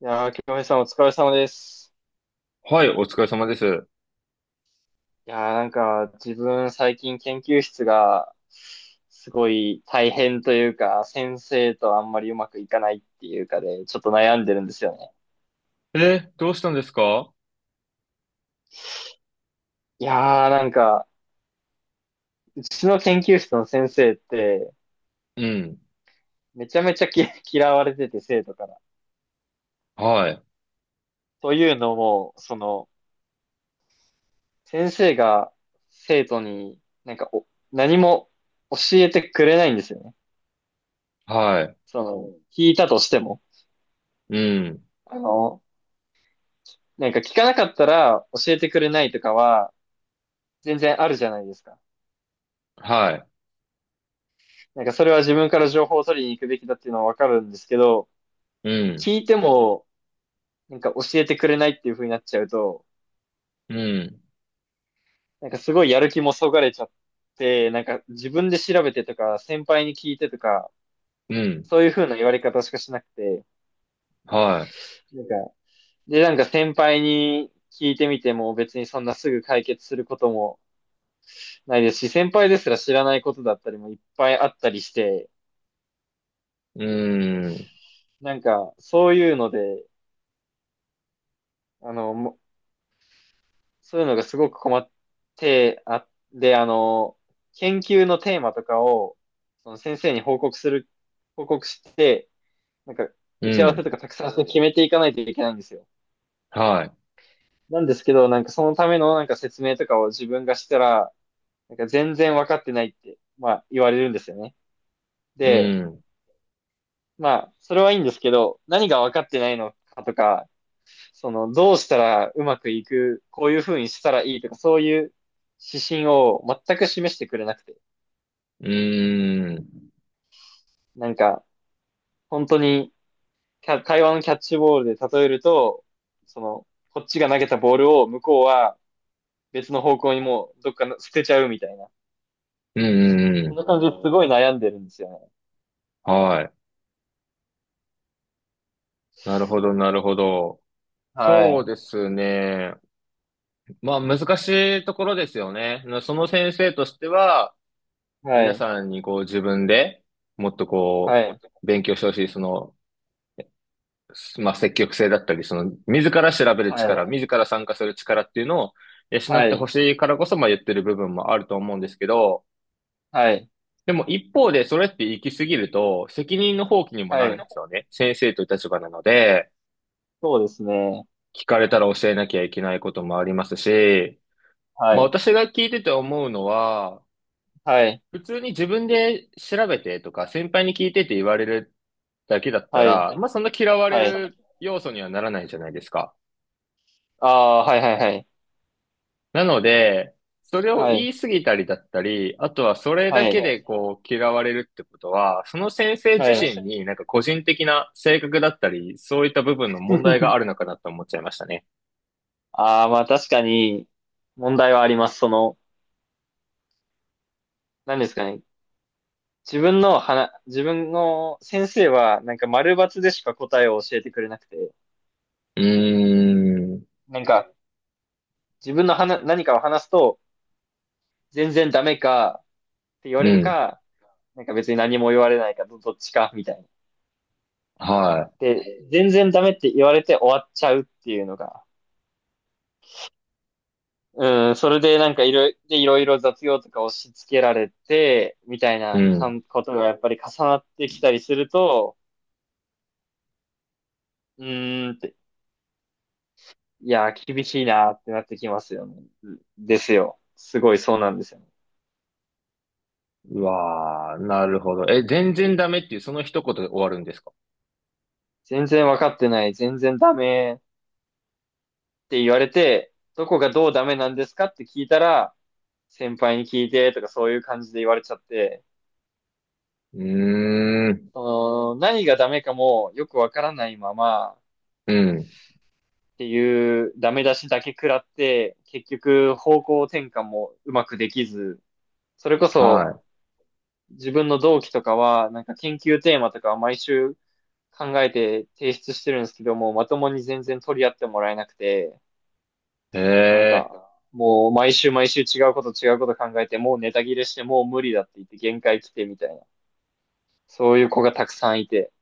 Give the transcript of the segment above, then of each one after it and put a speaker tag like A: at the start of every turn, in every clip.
A: いやー、京平さんお疲れ様です。
B: はい、お疲れ様です。
A: いやー、なんか、自分最近研究室が、すごい大変というか、先生とあんまりうまくいかないっていうかで、ちょっと悩んでるんですよね。
B: どうしたんですか？
A: いやー、なんか、うちの研究室の先生って、
B: うん。
A: めちゃめちゃ嫌われてて、生徒から。
B: はい。
A: というのも、その、先生が生徒になんかお、何も教えてくれないんですよね。
B: はい。
A: その、聞いたとしても。
B: うん。
A: あの、なんか聞かなかったら教えてくれないとかは全然あるじゃないですか。
B: はい。
A: なんかそれは自分から情報を取りに行くべきだっていうのはわかるんですけど、
B: うん。
A: 聞いてもなんか教えてくれないっていう風になっちゃうと、
B: うん。
A: なんかすごいやる気もそがれちゃって、なんか自分で調べてとか、先輩に聞いてとか、
B: うん。
A: そういう風な言われ方しかしなくて、
B: は
A: なんか、で、なんか先輩に聞いてみても別にそんなすぐ解決することもないですし、先輩ですら知らないことだったりもいっぱいあったりして、
B: い。うん。
A: なんか、そういうので、あの、そういうのがすごく困ってで、あの、研究のテーマとかを、その先生に報告して、なんか、
B: う
A: 打ち合わせ
B: ん。
A: とかたくさん決めていかないといけないんですよ。
B: は
A: なんですけど、なんかそのためのなんか説明とかを自分がしたら、なんか全然分かってないって、まあ言われるんですよね。
B: い。う
A: で、
B: ん。
A: まあ、それはいいんですけど、何が分かってないのかとか、その、どうしたらうまくいく、こういう風にしたらいいとか、そういう指針を全く示してくれなくて、
B: うん。
A: なんか、本当に、会話のキャッチボールで例えると、その、こっちが投げたボールを向こうは別の方向にもうどっか捨てちゃうみたいな。
B: うん。う
A: そん
B: ん。
A: な感じですごい悩んでるんですよね。
B: はい。なるほど、なるほど。
A: は
B: そう
A: い。
B: ですね。まあ、難しいところですよね。その先生としては、
A: は
B: 皆
A: い。
B: さんにこう自分でもっと
A: はい。
B: 勉強してほしい、まあ、積極性だったり、その、自ら調べる
A: は
B: 力、
A: い。
B: 自ら参加する力っていうのを養
A: は
B: ってほ
A: い。
B: しいからこそ、まあ、言ってる部分もあると思うんですけど、
A: はい。
B: でも一方で、それって行き過ぎると、責任の放棄にも
A: は
B: なる
A: い。
B: んですよね。先生という立場なので、
A: そうですね。
B: 聞かれたら教えなきゃいけないこともありますし、
A: は
B: まあ、
A: い。
B: 私が聞いてて思うのは、
A: はい。
B: 普通に自分で調べてとか、先輩に聞いてって言われるだけだった
A: はい。
B: ら、まあ、そんな嫌われ
A: はい。
B: る要素にはならないじゃないですか。
A: ああ、はいはいはい。
B: なので、それを
A: は
B: 言
A: い。
B: い過ぎたりだったり、あとはそれだ
A: は
B: け
A: い。
B: でこう嫌われるってことは、その先生
A: は
B: 自
A: い。
B: 身になんか個人的な性格だったり、そういった部分の問題があるのかなと思っちゃいましたね。
A: ああ、まあ確かに問題はあります。その、何ですかね。自分の先生はなんか丸抜でしか答えを教えてくれなくて、
B: うーん、
A: なんか自分の話、何かを話すと全然ダメかって言わ
B: う
A: れる
B: ん、
A: か、なんか別に何も言われないどっちかみたいな。
B: は
A: で、全然ダメって言われて終わっちゃうっていうのが、うん、それでなんかいろいろ、でいろいろ雑用とか押し付けられて、みたい
B: い、う
A: なか
B: ん。
A: んことがやっぱり重なってきたりすると、うーんっていやー、厳しいなーってなってきますよね。ですよ。すごいそうなんですよね。
B: うわー、なるほど。え、全然ダメっていうその一言で終わるんですか？
A: 全然わかってない、全然ダメって言われて、どこがどうダメなんですかって聞いたら、先輩に聞いてとかそういう感じで言われちゃって、
B: うーん、
A: その何がダメかもよくわからないままっ
B: うん、
A: ていうダメ出しだけ食らって、結局方向転換もうまくできず、それこそ
B: は
A: 自分の同期とかは、なんか研究テーマとかは毎週考えて提出してるんですけども、まともに全然取り合ってもらえなくて、
B: い。へ
A: なん
B: え。
A: か、もう毎週毎週違うこと違うこと考えて、もうネタ切れして、もう無理だって言って限界来てみたいな。そういう子がたくさんいて。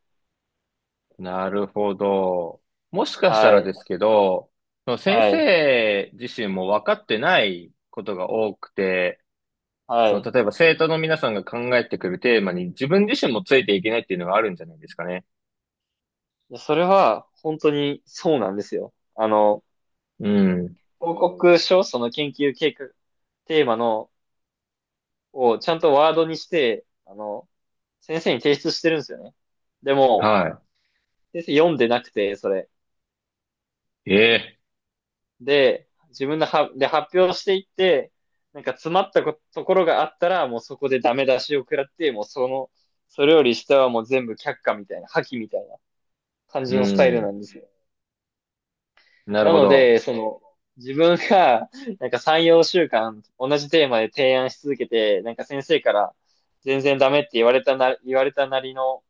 B: なるほど。もしかした
A: は
B: ら
A: い。
B: ですけど、その先
A: はい。
B: 生自身も分かってないことが多くて、
A: は
B: その
A: い。
B: 例えば生徒の皆さんが考えてくるテーマに自分自身もついていけないっていうのがあるんじゃないですかね。
A: それは本当にそうなんですよ。あの、
B: うん。
A: 報告書、その研究計画、テーマの、をちゃんとワードにして、あの、先生に提出してるんですよね。でも、
B: は
A: 先生読んでなくて、それ。
B: い。ええ。
A: で、自分のは、で、発表していって、なんか詰まったところがあったら、もうそこでダメ出しを食らって、もうその、それより下はもう全部却下みたいな、破棄みたいな感
B: う
A: じのスタイル
B: ん。
A: なんですよ。
B: なる
A: な
B: ほ
A: の
B: ど。
A: で、その、自分が、なんか3、4週間、同じテーマで提案し続けて、なんか先生から、全然ダメって言われたなりの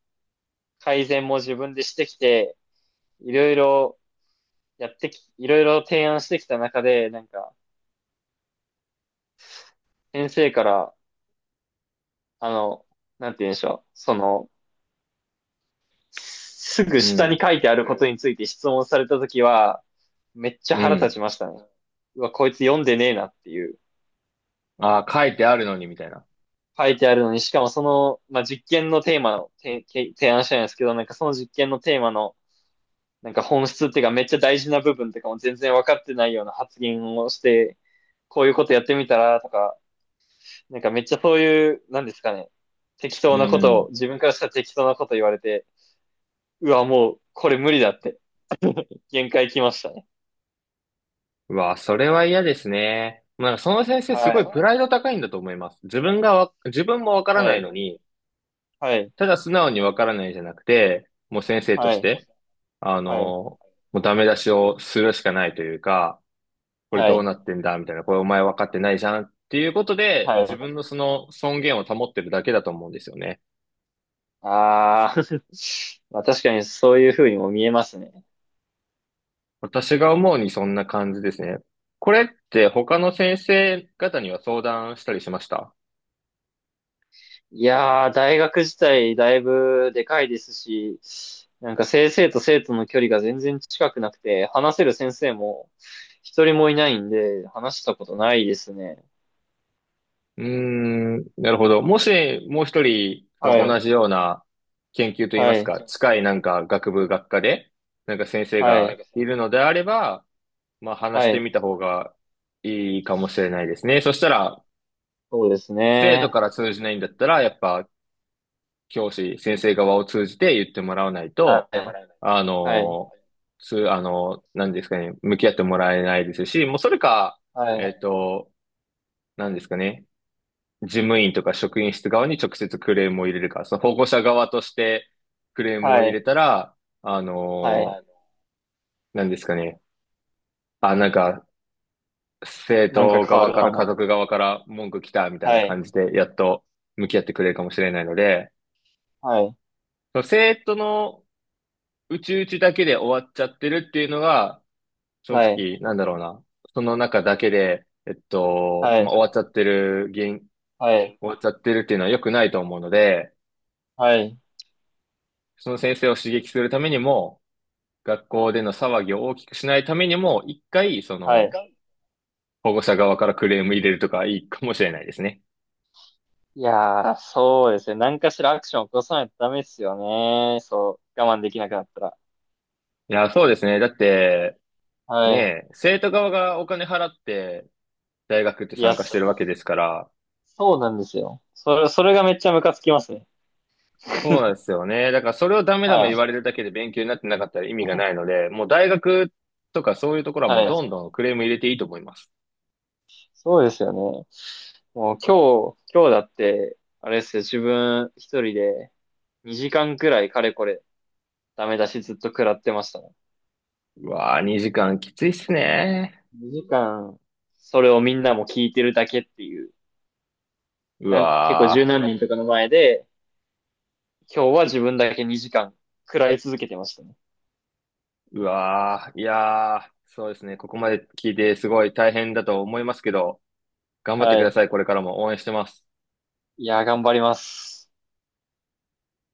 A: 改善も自分でしてきて、いろいろいろいろ提案してきた中で、なんか、先生から、あの、なんて言うんでしょう。その、すぐ
B: う
A: 下に
B: ん。
A: 書いてあることについて質問されたときは、めっちゃ
B: う
A: 腹立
B: ん。
A: ちましたね。うわ、こいつ読んでねえなっていう。
B: ああ、書いてあるのにみたいな。
A: 書いてあるのに、しかもその、まあ、実験のテーマの、提案したんですけど、なんかその実験のテーマの、なんか本質っていうかめっちゃ大事な部分とかも全然分かってないような発言をして、こういうことやってみたらとか、なんかめっちゃそういう、なんですかね、適
B: う
A: 当なことを、
B: ん。
A: 自分からしたら適当なこと言われて、うわ、もうこれ無理だって限界来ましたね。
B: うわ、それは嫌ですね。まあ、その先生すご
A: は
B: いプ
A: い。
B: ライド高いんだと思います。自分も分から
A: は
B: ない
A: い。
B: のに、
A: はい。
B: ただ素直にわからないじゃなくて、もう先生と
A: は
B: し
A: い。
B: て、あ
A: はい。
B: の、もうダメ出しをするしかないというか、これ
A: は
B: どう
A: い。
B: なってんだみたいな、これお前分かってないじゃんっていうことで、
A: はい。
B: 自分のその尊厳を保ってるだけだと思うんですよね。
A: ああ。まあ確かにそういう風にも見えますね。
B: 私が思うにそんな感じですね。これって他の先生方には相談したりしました
A: いやー、大学自体だいぶでかいですし、なんか先生と生徒の距離が全然近くなくて、話せる先生も一人もいないんで、話したことないですね。
B: うーん、なるほど。もし、もう一人、そ
A: は
B: の同
A: い。
B: じような研究といいま
A: は
B: す
A: い。
B: か、近いなんか学部、学科で、なんか先生
A: はい。
B: がいるのであれば、まあ話し
A: は
B: て
A: い。
B: みた方がいいかもしれないですね。そしたら、
A: そうです
B: 生徒
A: ね。
B: から通じないんだったら、やっぱ教師、先生側を通じて言ってもらわない
A: は
B: と、
A: い。
B: あ
A: はい。
B: の、つ、あの、何ですかね、向き合ってもらえないですし、もうそれか、
A: はい。
B: えっと、何ですかね、事務員とか職員室側に直接クレームを入れるか、その保護者側としてクレームを
A: は
B: 入
A: い。
B: れたら、あ
A: はい。
B: の
A: はい。
B: 何ですかね。あ、なんか、生
A: なんか
B: 徒
A: 変わ
B: 側
A: る
B: か
A: か
B: ら家
A: も。
B: 族側から文句来たみたい
A: は
B: な
A: い。
B: 感じで、やっと向き合ってくれるかもしれないので、
A: はい。
B: その生徒のうちうちだけで終わっちゃってるっていうのが、正
A: はい。
B: 直、なんだろうな。その中だけで、
A: は
B: まあ、終わ
A: い。
B: っちゃってる原因、
A: はい。
B: 終わっちゃってるっていうのは良くないと思うので、
A: はい。
B: その先生を刺激するためにも、学校での騒ぎを大きくしないためにも、一回、そ
A: は
B: の、
A: い。
B: 保護者側からクレーム入れるとかいいかもしれないですね。
A: いやー、そうですね。何かしらアクション起こさないとダメですよね。そう。我慢できなくなったら。
B: いや、そうですね。だって、ね
A: は
B: え、生徒側がお金払って、大学って
A: い。いや、
B: 参加し
A: そ
B: てるわけですから、
A: そうなんですよ。それ、それがめっちゃムカつきますね。
B: そうなんで すよね。だからそれをダメダメ
A: は
B: 言わ
A: い。
B: れるだけで勉強になってなかったら意味がないので、もう大学とかそういうところはも
A: は
B: う
A: い。
B: どんどんクレーム入れていいと思います。
A: そうですよね。もう今日だって、あれですよ、自分一人で2時間くらいかれこれダメ出しずっと食らってましたね。
B: うわぁ、2時間きついっすね。
A: 2時間、それをみんなも聞いてるだけっていう、
B: う
A: 結構
B: わ
A: 十
B: ぁ。
A: 何人とかの前で、今日は自分だけ2時間食らい続けてましたね。
B: うわー、いやー、そうですね。ここまで聞いてすごい大変だと思いますけど、頑張って
A: は
B: くだ
A: い。
B: さい。これからも応援してます。
A: いやー、頑張ります。